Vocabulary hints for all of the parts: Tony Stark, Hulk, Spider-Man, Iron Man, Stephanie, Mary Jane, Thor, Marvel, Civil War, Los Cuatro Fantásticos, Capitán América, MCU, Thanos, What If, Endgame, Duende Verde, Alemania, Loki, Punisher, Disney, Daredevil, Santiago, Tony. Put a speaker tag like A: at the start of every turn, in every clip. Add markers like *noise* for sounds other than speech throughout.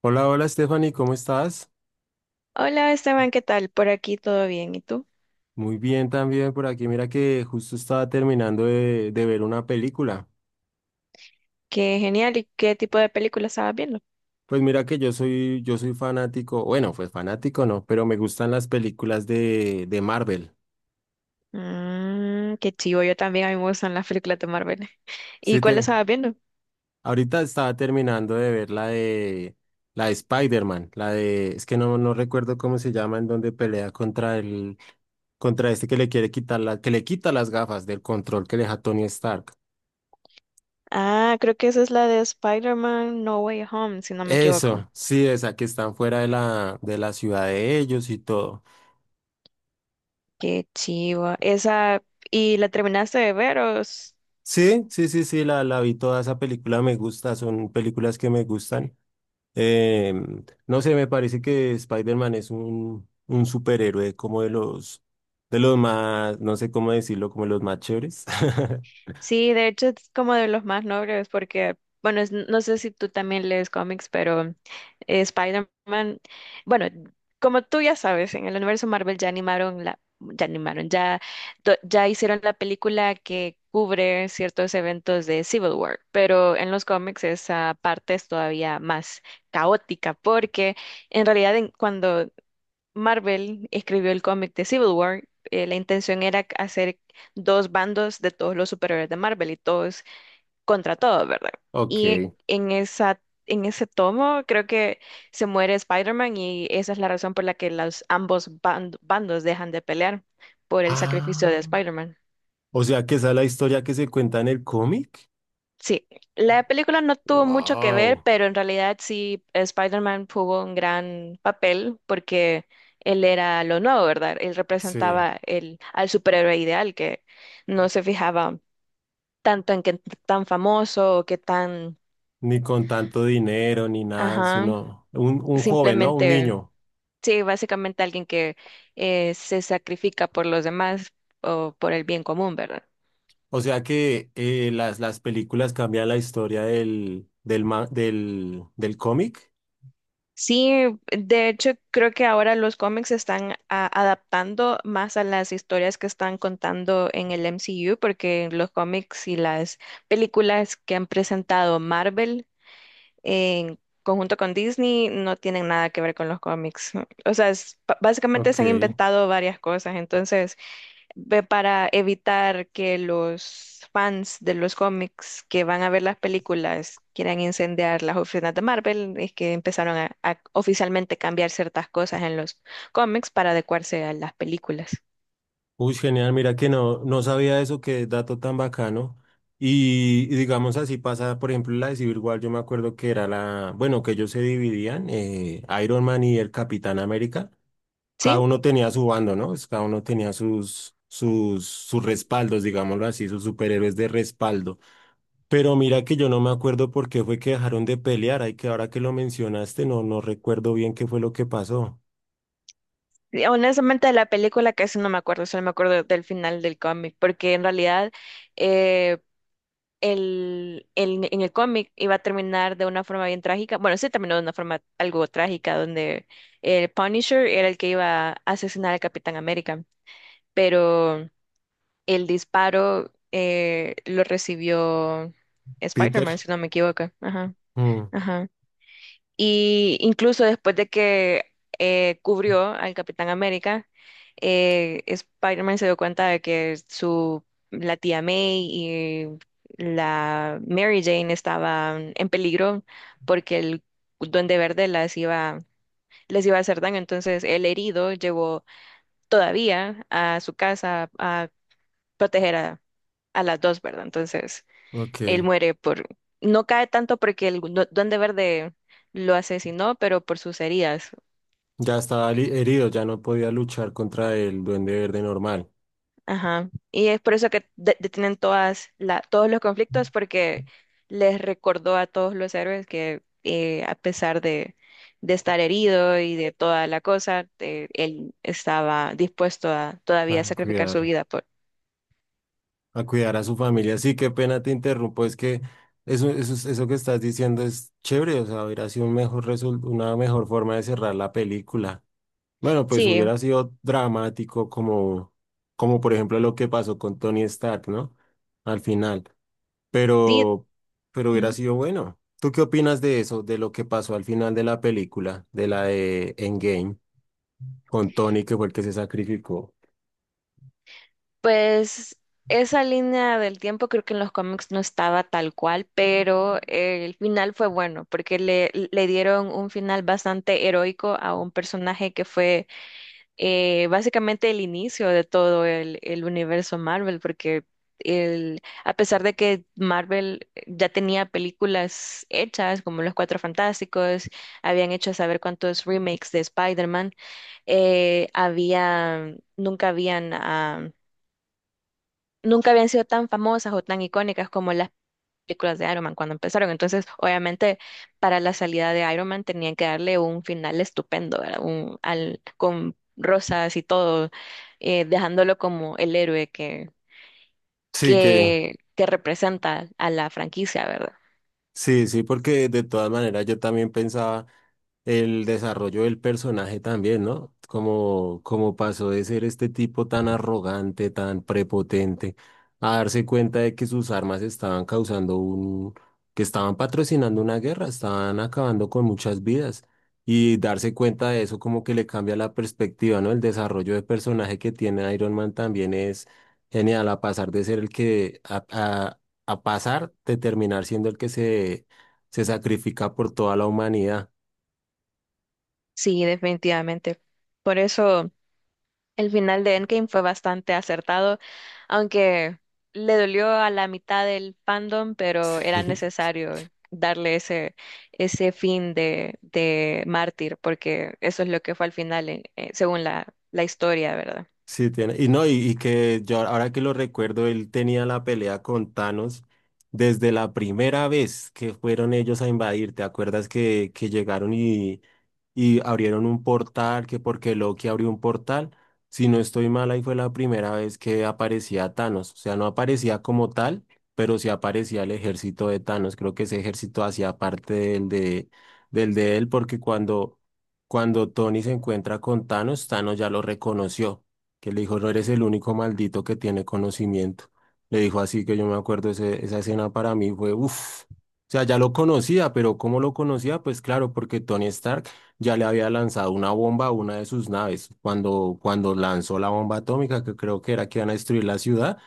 A: Hola, hola Stephanie, ¿cómo estás?
B: Hola Esteban, ¿qué tal? Por aquí todo bien. ¿Y tú?
A: Muy bien también por aquí. Mira que justo estaba terminando de ver una película.
B: Qué genial. ¿Y qué tipo de película estabas viendo?
A: Pues mira que yo soy fanático, bueno, pues fanático no, pero me gustan las películas de Marvel.
B: Mmm, qué chivo. Yo también, a mí me gustan las películas de Marvel. ¿Y
A: Sí,
B: cuál estabas viendo?
A: ahorita estaba terminando de ver la de Spider-Man, la de, es que no recuerdo cómo se llama, en donde pelea contra este que le quiere quitar la, que le quita las gafas del control que le deja Tony Stark.
B: Ah, creo que esa es la de Spider-Man No Way Home, si no me equivoco.
A: Eso, sí, esa que están fuera de la ciudad de ellos y todo.
B: Qué chivo. Esa, ¿y la terminaste de ver o...?
A: Sí, sí, sí, sí, la vi toda esa película, me gusta, son películas que me gustan. No sé, me parece que Spider-Man es un superhéroe como de los más, no sé cómo decirlo, como de los más chéveres. *laughs*
B: Sí, de hecho es como de los más nobles porque, bueno, no sé si tú también lees cómics, pero Spider-Man, bueno, como tú ya sabes, en el universo Marvel ya animaron la, ya animaron, ya, do- ya hicieron la película que cubre ciertos eventos de Civil War, pero en los cómics esa parte es todavía más caótica porque en realidad cuando Marvel escribió el cómic de Civil War, la intención era hacer dos bandos de todos los superhéroes de Marvel y todos contra todos, ¿verdad?
A: Ok.
B: Y en esa, en ese tomo creo que se muere Spider-Man y esa es la razón por la que ambos bandos dejan de pelear por el sacrificio de
A: Ah,
B: Spider-Man.
A: o sea que esa es la historia que se cuenta en el cómic.
B: Sí, la película no tuvo mucho que ver,
A: Wow,
B: pero en realidad sí Spider-Man tuvo un gran papel porque él era lo nuevo, ¿verdad? Él
A: sí.
B: representaba al superhéroe ideal que no se fijaba tanto en qué tan famoso o qué tan,
A: Ni con tanto dinero, ni nada,
B: ajá,
A: sino un joven, ¿no? Un
B: simplemente,
A: niño.
B: sí, básicamente alguien que se sacrifica por los demás o por el bien común, ¿verdad?
A: O sea que las películas cambian la historia del cómic.
B: Sí, de hecho creo que ahora los cómics se están adaptando más a las historias que están contando en el MCU, porque los cómics y las películas que han presentado Marvel en conjunto con Disney no tienen nada que ver con los cómics. O sea, básicamente
A: Ok.
B: se han inventado varias cosas, entonces ve para evitar que los fans de los cómics que van a ver las películas quieran incendiar las oficinas de Marvel, es que empezaron a oficialmente cambiar ciertas cosas en los cómics para adecuarse a las películas.
A: Uy, genial, mira que no sabía eso, qué dato tan bacano. Y digamos así pasa, por ejemplo, la de Civil War, yo me acuerdo que era la, bueno, que ellos se dividían, Iron Man y el Capitán América. Cada
B: Sí,
A: uno tenía su bando, ¿no? Pues cada uno tenía sus respaldos, digámoslo así, sus superhéroes de respaldo. Pero mira que yo no me acuerdo por qué fue que dejaron de pelear. Ay, que ahora que lo mencionaste, no recuerdo bien qué fue lo que pasó.
B: y honestamente de la película casi no me acuerdo, solo me acuerdo del final del cómic, porque en realidad eh, en el cómic iba a terminar de una forma bien trágica. Bueno, sí terminó de una forma algo trágica, donde el Punisher era el que iba a asesinar al Capitán América, pero el disparo lo recibió
A: Peter.
B: Spider-Man, si no me equivoco. Ajá,
A: Mm,
B: ajá. Y incluso después de que cubrió al Capitán América, Spider-Man se dio cuenta de que la tía May y la Mary Jane estaban en peligro porque el Duende Verde les iba a hacer daño. Entonces, el herido llegó todavía a su casa a proteger a las dos, ¿verdad? Entonces, él
A: ok.
B: muere por, no cae tanto porque el Duende Verde lo asesinó, pero por sus heridas.
A: Ya estaba herido, ya no podía luchar contra el Duende Verde normal.
B: Ajá. Y es por eso que detienen todos los conflictos porque les recordó a todos los héroes que a pesar de estar herido y de toda la cosa, él estaba dispuesto a todavía
A: Ah,
B: sacrificar su
A: cuidar.
B: vida por...
A: A cuidar a su familia. Sí, qué pena te interrumpo, es que eso que estás diciendo es chévere, o sea, hubiera sido una mejor forma de cerrar la película. Bueno, pues
B: Sí,
A: hubiera sido dramático como por ejemplo lo que pasó con Tony Stark, ¿no? Al final,
B: sí.
A: pero, pero hubiera sido bueno. ¿Tú qué opinas de eso, de lo que pasó al final de la película, de la de Endgame, con Tony, que fue el que se sacrificó?
B: Pues esa línea del tiempo creo que en los cómics no estaba tal cual, pero el final fue bueno porque le dieron un final bastante heroico a un personaje que fue básicamente el inicio de todo el universo Marvel, porque el, a pesar de que Marvel ya tenía películas hechas como Los Cuatro Fantásticos, habían hecho saber cuántos remakes de Spider-Man, nunca habían... ah, nunca habían sido tan famosas o tan icónicas como las películas de Iron Man cuando empezaron. Entonces, obviamente, para la salida de Iron Man tenían que darle un final estupendo, ¿verdad? Un, al, con rosas y todo, dejándolo como el héroe que,
A: Sí, que.
B: que representa a la franquicia, ¿verdad?
A: Sí, sí, porque de todas maneras yo también pensaba el desarrollo del personaje también, ¿no? Como pasó de ser este tipo tan arrogante, tan prepotente, a darse cuenta de que sus armas estaban causando un, que estaban patrocinando una guerra, estaban acabando con muchas vidas. Y darse cuenta de eso como que le cambia la perspectiva, ¿no? El desarrollo de personaje que tiene Iron Man también es genial, a pasar de terminar siendo el que se sacrifica por toda la humanidad.
B: Sí, definitivamente. Por eso. El final de Endgame fue bastante acertado, aunque le dolió a la mitad del fandom, pero era
A: *laughs* Sí.
B: necesario darle ese, ese fin de mártir, porque eso es lo que fue al final, según la historia, ¿verdad?
A: Sí, tiene. Y no, y que yo ahora que lo recuerdo, él tenía la pelea con Thanos desde la primera vez que fueron ellos a invadir. ¿Te acuerdas que llegaron y abrieron un portal? Que porque Loki abrió un portal. Si no estoy mal, ahí fue la primera vez que aparecía Thanos. O sea, no aparecía como tal, pero sí aparecía el ejército de Thanos. Creo que ese ejército hacía parte del de él, porque cuando Tony se encuentra con Thanos, Thanos ya lo reconoció que le dijo, no eres el único maldito que tiene conocimiento. Le dijo así que yo me acuerdo, esa escena para mí fue, uff, o sea, ya lo conocía, pero ¿cómo lo conocía? Pues claro, porque Tony Stark ya le había lanzado una bomba a una de sus naves, cuando lanzó la bomba atómica, que creo que era que iban a destruir la ciudad,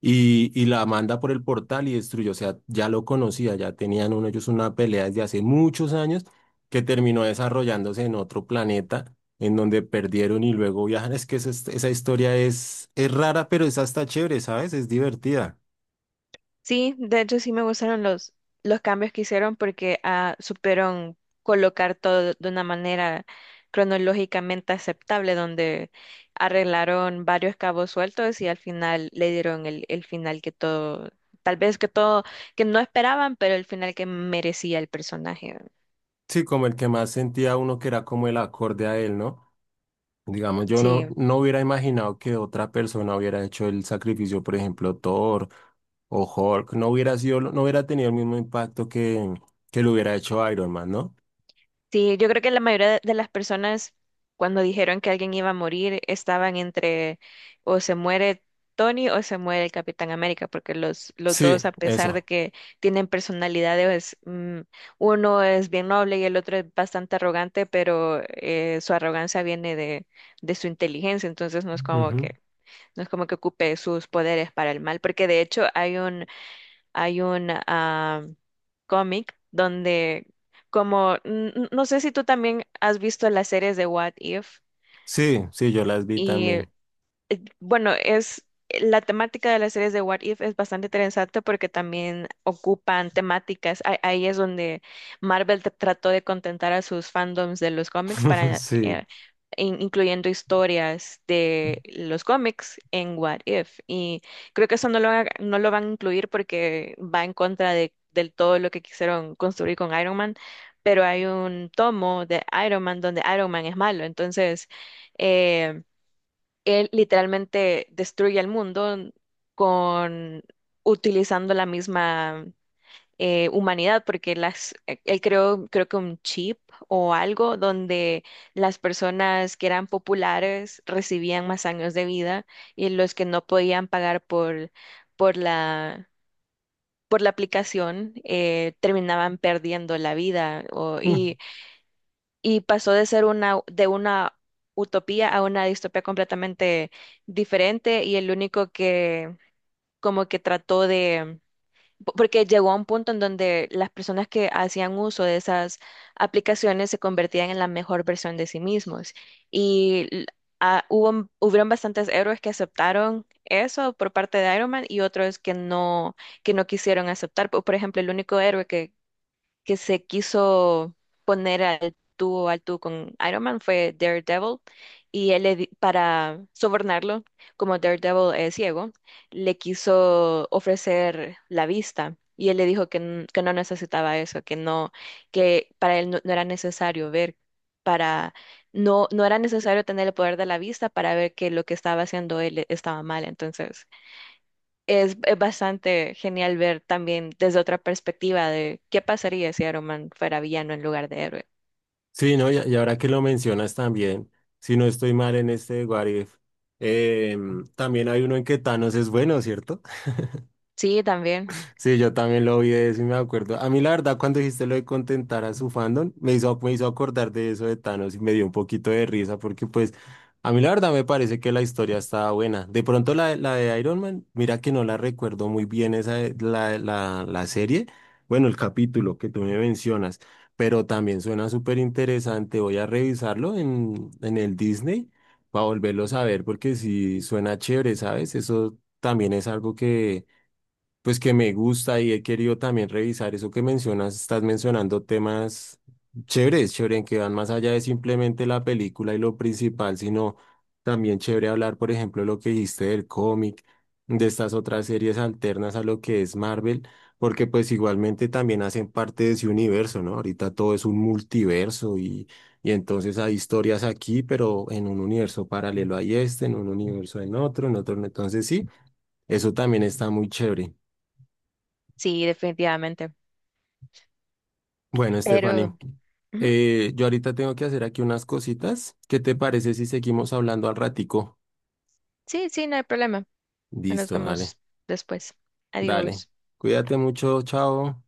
A: y la manda por el portal y destruyó. O sea, ya lo conocía, ya tenían uno, ellos una pelea desde hace muchos años que terminó desarrollándose en otro planeta en donde perdieron y luego viajan. Es que esa historia es rara, pero es hasta chévere, ¿sabes? Es divertida.
B: Sí, de hecho sí me gustaron los cambios que hicieron porque ah, supieron colocar todo de una manera cronológicamente aceptable, donde arreglaron varios cabos sueltos y al final le dieron el final que todo, tal vez que todo, que no esperaban, pero el final que merecía el personaje.
A: Sí, como el que más sentía uno que era como el acorde a él, ¿no? Digamos, yo no,
B: Sí,
A: no hubiera imaginado que otra persona hubiera hecho el sacrificio, por ejemplo, Thor o Hulk, no hubiera sido, no hubiera tenido el mismo impacto que lo hubiera hecho Iron Man, ¿no?
B: sí, yo creo que la mayoría de las personas cuando dijeron que alguien iba a morir estaban entre o se muere Tony o se muere el Capitán América, porque los
A: Sí,
B: dos, a pesar de
A: eso.
B: que tienen personalidades, mm, uno es bien noble y el otro es bastante arrogante, pero su arrogancia viene de su inteligencia, entonces no es como
A: Ujú.
B: que, no es como que ocupe sus poderes para el mal, porque de hecho hay un hay un cómic donde, como, no sé si tú también has visto las series de What If,
A: Sí, sí, yo las vi
B: y
A: también.
B: Bueno, es la temática de las series de What If es bastante interesante porque también ocupan temáticas. Ahí es donde Marvel trató de contentar a sus fandoms de los cómics
A: *laughs*
B: para
A: Sí.
B: incluyendo historias de los cómics en What If. Y creo que eso no lo van a incluir porque va en contra de del todo lo que quisieron construir con Iron Man. Pero hay un tomo de Iron Man donde Iron Man es malo. Entonces, eh, él literalmente destruye el mundo con utilizando la misma humanidad, porque él creó, creo que un chip o algo donde las personas que eran populares recibían más años de vida y los que no podían pagar por la, por la aplicación terminaban perdiendo la vida.
A: Mm.
B: Y y pasó de ser una, de una utopía a una distopía completamente diferente y el único que como que trató de, porque llegó a un punto en donde las personas que hacían uso de esas aplicaciones se convertían en la mejor versión de sí mismos y hubieron bastantes héroes que aceptaron eso por parte de Iron Man y otros que no quisieron aceptar. Por ejemplo, el único héroe que se quiso poner al tú con Iron Man fue Daredevil y él para sobornarlo, como Daredevil es ciego, le quiso ofrecer la vista y él le dijo que no necesitaba eso, que no, que para él no, no era necesario ver para no no era necesario tener el poder de la vista para ver que lo que estaba haciendo él estaba mal, entonces es bastante genial ver también desde otra perspectiva de qué pasaría si Iron Man fuera villano en lugar de héroe.
A: Sí, ¿no? Y ahora que lo mencionas también, si no estoy mal en este What If, también hay uno en que Thanos es bueno, ¿cierto?
B: Sí, también.
A: Sí, yo también lo vi de eso y me acuerdo. A mí la verdad, cuando dijiste lo de contentar a su fandom, me hizo acordar de eso de Thanos y me dio un poquito de risa porque pues a mí la verdad me parece que la historia estaba buena. De pronto la de Iron Man, mira que no la recuerdo muy bien esa, la serie, bueno, el capítulo que tú me mencionas, pero también suena súper interesante. Voy a revisarlo en el Disney para volverlo a ver porque sí suena chévere, ¿sabes? Eso también es algo que. Pues que me gusta y he querido también revisar eso que mencionas, estás mencionando temas chéveres, chévere, en que van más allá de simplemente la película y lo principal, sino también chévere hablar, por ejemplo, lo que dijiste del cómic, de estas otras series alternas a lo que es Marvel, porque pues igualmente también hacen parte de ese universo, ¿no? Ahorita todo es un multiverso y entonces hay historias aquí, pero en un universo paralelo hay este, en un universo en otro, entonces sí, eso también está muy chévere.
B: Sí, definitivamente.
A: Bueno, Stephanie,
B: Pero ujú,
A: yo ahorita tengo que hacer aquí unas cositas. ¿Qué te parece si seguimos hablando al ratico?
B: sí, sí, no hay problema. Nos
A: Listo, dale,
B: vemos después.
A: dale.
B: Adiós.
A: Cuídate mucho, chao.